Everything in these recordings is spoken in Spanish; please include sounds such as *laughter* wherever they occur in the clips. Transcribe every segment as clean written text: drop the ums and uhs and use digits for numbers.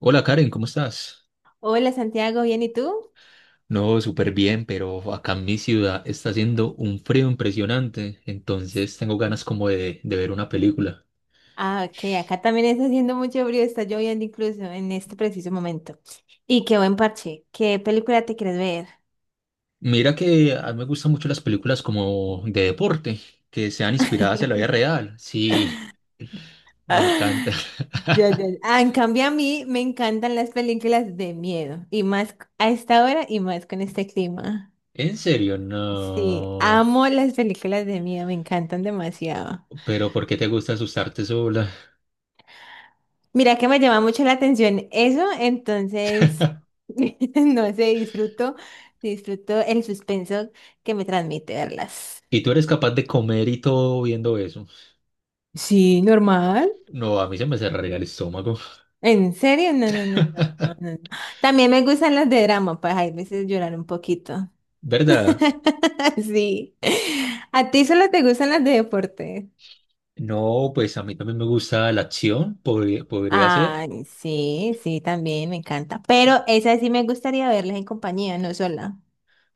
Hola Karen, ¿cómo estás? Hola Santiago, ¿bien y tú? No, súper bien, pero acá en mi ciudad está haciendo un frío impresionante, entonces tengo ganas como de ver una película. Ah, ok, acá también está haciendo mucho frío, está lloviendo incluso en este preciso momento. Y qué buen parche, ¿qué película te quieres ver? Mira que a mí me gustan mucho las películas como de deporte, que sean inspiradas en la vida *laughs* real. Sí, me encanta. Ya, ya, *laughs* ya. Ah, en cambio a mí me encantan las películas de miedo, y más a esta hora y más con este clima. En serio, Sí, no. amo las películas de miedo, me encantan demasiado. Pero ¿por qué te gusta asustarte sola? Mira que me llama mucho la atención eso, entonces, *laughs* no sé, disfruto, disfruto el suspenso que me transmite verlas. ¿Y tú eres capaz de comer y todo viendo eso? Sí, normal. No, a mí se me cerraría el estómago. ¿En serio? No, no, no, no, no, no. También me gustan las de drama, pues hay veces llorar un poquito. ¿Verdad? *laughs* Sí. ¿A ti solo te gustan las de deporte? No, pues a mí también me gusta la acción, podría ser. Ay, sí, sí, también me encanta. Pero esas sí me gustaría verlas en compañía, no sola.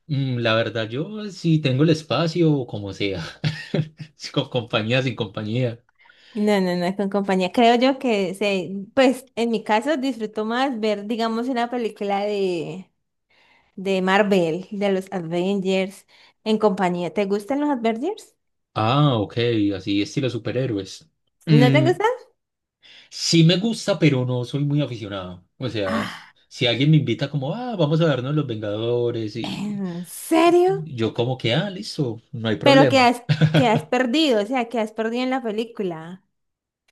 La verdad, yo sí tengo el espacio, o como sea. *laughs* Si con compañía, sin compañía. No, no, no, con compañía. Creo yo que se, pues en mi caso disfruto más ver, digamos, una película de Marvel, de los Avengers, en compañía. ¿Te gustan los Avengers? Ah, ok, así estilo superhéroes. ¿No te Mm, gustan? sí me gusta, pero no soy muy aficionado. O sea, s- Ah, si alguien me invita como, ah, vamos a vernos Los Vengadores y ¿en serio? yo como que, ah, listo, no hay Pero problema. Que has perdido, o sea, que has perdido en la película.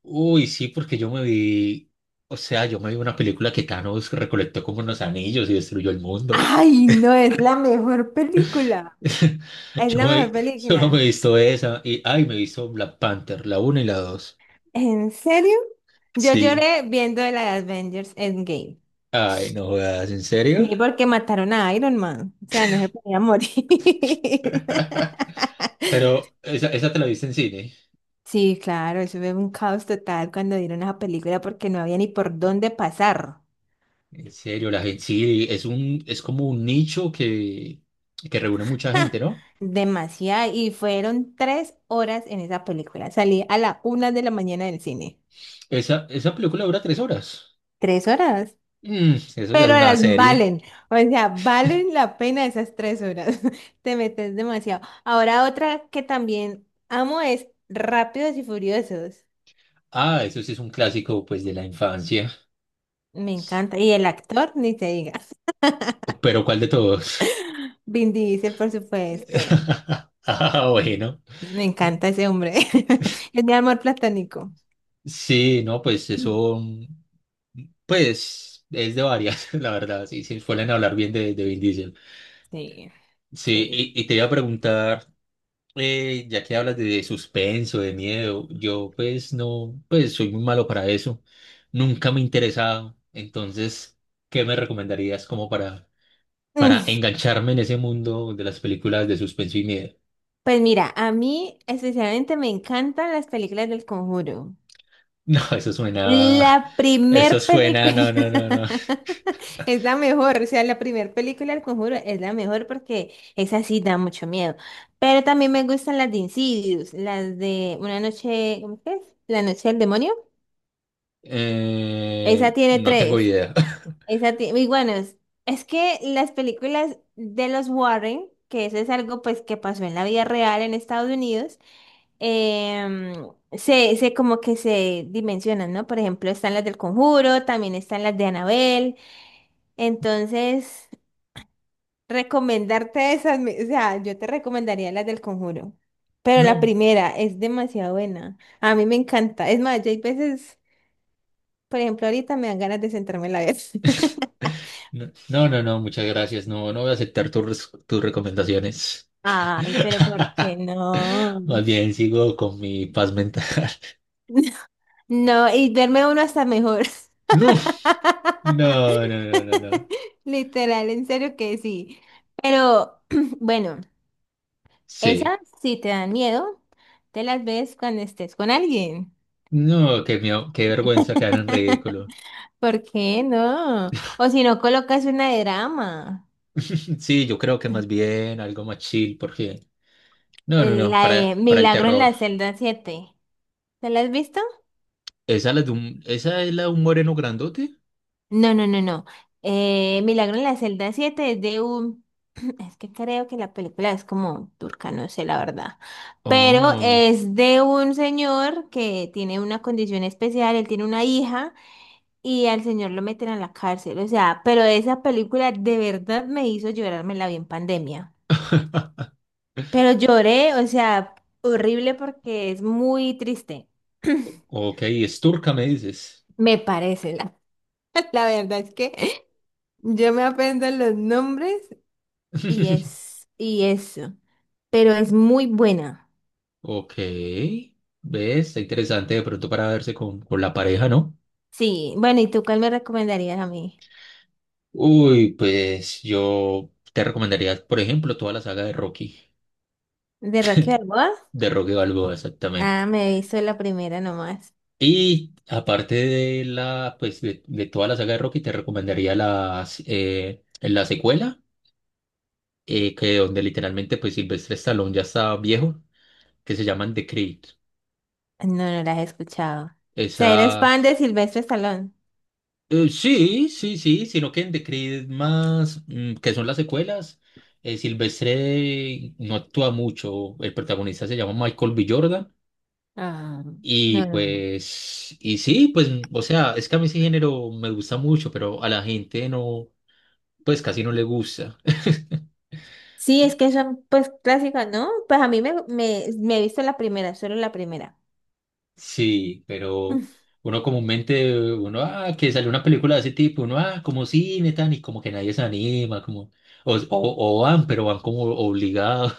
Uy, sí, porque yo me vi, o sea, yo me vi una película que Thanos recolectó como unos anillos y destruyó el mundo. Ay, no, es la mejor película. *laughs* Es Yo la me- mejor solo me he película. visto esa y, ay, me he visto Black Panther, la 1 y la dos. ¿En serio? Yo Sí, lloré viendo la de Avengers Endgame. ay, no jodas, ¿en serio? Sí, porque mataron a Iron Man. O sea, no se podía morir. *laughs* *laughs* Pero esa te la viste en cine. Sí, claro, eso fue un caos total cuando dieron esa película porque no había ni por dónde pasar. En serio, la gente sí, es como un nicho que reúne mucha *laughs* ¡Ja! gente, ¿no? Demasiado. Y fueron 3 horas en esa película. Salí a la 1 de la mañana del cine. Esa película dura 3 horas. 3 horas. Eso ya es Pero una las serie. valen. O sea, valen la pena esas 3 horas. *laughs* Te metes demasiado. Ahora otra que también amo es Rápidos y Furiosos. Ah, eso sí es un clásico, pues, de la infancia. Me encanta. Y el actor, ni te diga. Pero ¿cuál de todos? Vin Diesel, por supuesto. *laughs* Ah, bueno. Me encanta ese hombre. *laughs* Es mi amor platónico. Sí, no, pues eso. Pues es de varias, *laughs* la verdad, sí, sí, suelen hablar bien de Vin Diesel. Sí, Sí, sí. y te iba a preguntar, ya que hablas de suspenso, de miedo, yo pues no, pues soy muy malo para eso, nunca me he interesado, entonces, ¿qué me recomendarías como para Mm, engancharme en ese mundo de las películas de suspenso y miedo? *laughs* pues mira, a mí especialmente me encantan las películas del Conjuro. No, La eso primer suena, película no, no, no, no. *laughs* es la mejor, o sea, la primer película del Conjuro es la mejor porque esa sí da mucho miedo. Pero también me gustan las de Insidious, las de Una noche, ¿cómo que es? La noche del demonio. Esa Eh, tiene no tengo tres. idea. Y bueno, es que las películas de los Warren, que eso es algo pues que pasó en la vida real en Estados Unidos, se como que se dimensionan, ¿no? Por ejemplo, están las del Conjuro, también están las de Annabelle. Entonces, recomendarte esas, o sea, yo te recomendaría las del Conjuro. *laughs* Pero la No. primera es demasiado buena. A mí me encanta. Es más, yo hay veces, por ejemplo, ahorita me dan ganas de sentarme a la vez. *laughs* No, no, no, no, muchas gracias. No, no voy a aceptar tus recomendaciones. Ay, pero ¿por qué *laughs* no? Más bien sigo con mi paz mental. *laughs* *laughs* No, y verme uno hasta mejor. No, no, no, no, no, no. *laughs* Literal, en serio que sí. Pero *clears throat* bueno, Sí. esas si te dan miedo, te las ves cuando estés con alguien. No, qué miedo, qué vergüenza quedar en *laughs* ridículo. ¿Por qué no? O si no, colocas una de drama. *laughs* Sí, yo creo que más bien algo más chill, porque. No, no, no, La de para el Milagro en terror. la celda 7, ¿te la has visto? ¿Esa, esa es la de un moreno grandote? No, no, no, no. Milagro en la celda siete es de un... *clears throat* Es que creo que la película es como turca, no sé la verdad. Pero Oh, es de un señor que tiene una condición especial, él tiene una hija y al señor lo meten a la cárcel. O sea, pero esa película de verdad me hizo llorarme la vi en pandemia. *laughs* Pero lloré, o sea, horrible porque es muy triste. *clears throat* ok, es turca, me dices. Me parece, *laughs* la verdad es que yo me aprendo los nombres y *laughs* es, y eso. Pero es muy buena. Ok. ¿Ves? Está interesante de pronto para verse con la pareja, ¿no? Sí, bueno, ¿y tú cuál me recomendarías a mí? Uy, pues yo te recomendaría, por ejemplo, toda la saga ¿De Rocky Balboa? de Rocky Balboa, Ah, exactamente. me he visto la primera nomás. Y aparte de toda la saga de Rocky, te recomendaría la secuela, que donde literalmente pues Silvestre Stallone ya está viejo, que se llaman The Creed. No, no la he escuchado. O sea, eres Esa. fan de Silvestre Stallone. Sí, sí, sí, sino que en The Creed más, que son las secuelas, Silvestre no actúa mucho, el protagonista se llama Michael B. Jordan Ah, y no, no, no. pues, y sí, pues, o sea, es que a mí ese género me gusta mucho, pero a la gente no, pues casi no le gusta. *laughs* Sí, es que son pues clásicas, ¿no? Pues a mí me he visto la primera, solo la primera. Sí, pero Mm. uno comúnmente, uno, ah, que sale una película de ese tipo, uno, ah, como cine, tan, y como que nadie se anima, como, o, o, o van, pero van como obligados.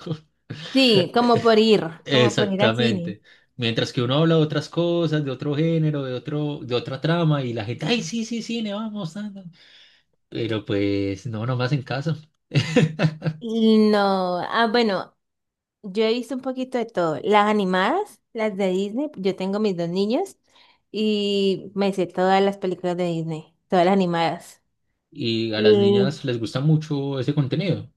Sí, como por ir al cine. Exactamente. Mientras que uno habla de otras cosas, de otro género, de otra trama, y la gente, ay, sí, sí, sí, le vamos dando. Pero pues no, nomás en casa. *laughs* Y no, ah, bueno, yo he visto un poquito de todo. Las animadas, las de Disney, yo tengo mis dos niños y me sé todas las películas de Disney, todas las animadas. Y a las Mm, niñas les gusta mucho ese contenido.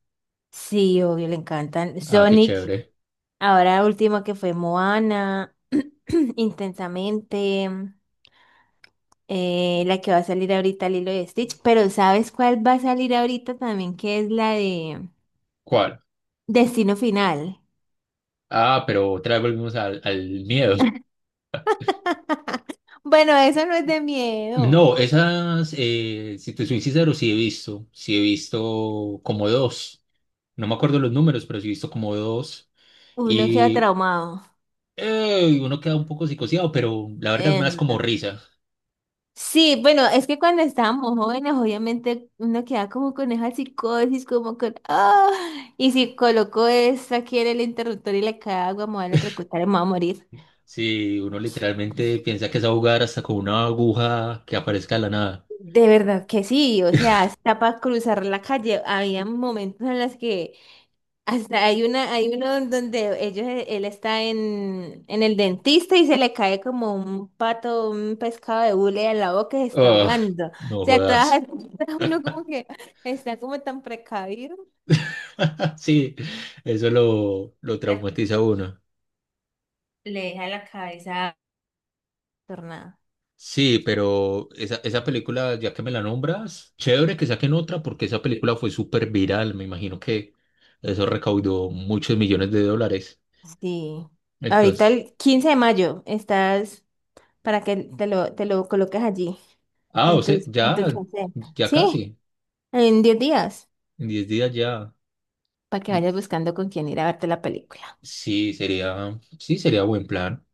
sí, obvio, le encantan. Ah, qué Sonic, chévere. ahora último que fue Moana, *clears throat* Intensamente, la que va a salir ahorita, Lilo y Stitch, pero ¿sabes cuál va a salir ahorita también? Que es la de ¿Cuál? Destino Final. Ah, pero otra vez volvimos al miedo. Bueno, eso no es de miedo. No, esas, si te soy sincero, sí he visto. Sí he visto como dos. No me acuerdo los números, pero sí he visto como dos. Uno queda Y. traumado. Uno queda un poco psicoseado, pero la verdad me Eh, da como risa. Sí, bueno, es que cuando estábamos jóvenes, obviamente uno queda como con esa psicosis, como con, ah, y si colocó esto aquí en el interruptor y le cae agua, me voy a electrocutar y me voy a morir. Si uno literalmente piensa que es a jugar hasta con una aguja que aparezca de la nada. De verdad que sí, o sea, hasta para cruzar la calle, había momentos en los que hasta hay una, hay uno en donde ellos, él está en el dentista y se le cae como un pato, un pescado de hule a la boca y se está Ah, ahogando. O no sea, todas, jodas. *laughs* uno como que está como tan precavido. *laughs* Sí, eso lo la- traumatiza a uno. Le deja la cabeza tornada. Sí, pero esa película, ya que me la nombras, chévere que saquen otra porque esa película fue súper viral. Me imagino que eso recaudó muchos millones de dólares. Sí. Ahorita Entonces, el 15 de mayo estás para que te lo coloques allí, ah, o en tu, sea, en tu ya, quincena. ya Sí, casi, en 10 días, en 10 días ya. para que vayas buscando con quién ir a verte la película. Sí, sería buen plan.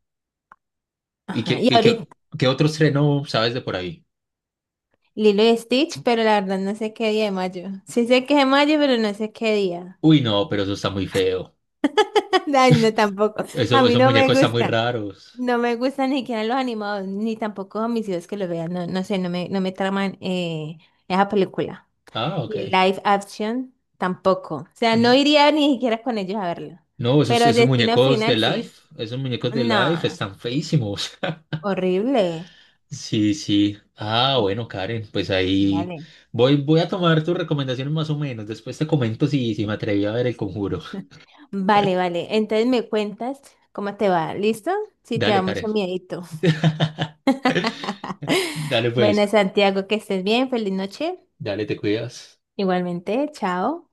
¿Y Ajá. qué, Y y qué, ahorita qué otro estreno sabes de por ahí? Lilo y Stitch, pero la verdad no sé qué día de mayo. Sí sé que es de mayo, pero no sé qué día. Uy, no, pero eso está muy feo. *laughs* Ay, no, tampoco. A Eso, mí esos no me muñecos están muy gusta. raros. No me gustan ni siquiera los animados, ni tampoco a mis hijos que lo vean. No, no sé, no me traman esa película. Ah, ok. Y el live action tampoco. O sea, no Mm, iría ni siquiera con ellos a verlo. No, esos, Pero esos Destino muñecos de Final sí. Life, esos muñecos de Life No, están feísimos. *laughs* horrible. Sí, sí. Ah, bueno, Karen, pues ahí Vale. voy a tomar tus recomendaciones más o menos. Después te comento si me atreví a ver El Conjuro. Vale, vale. Entonces me cuentas cómo te va. ¿Listo? Si te Dale, da mucho Karen. miedito. *laughs* *laughs* Dale, pues. Bueno, Santiago, que estés bien. Feliz noche. Dale, te cuidas. Igualmente, chao.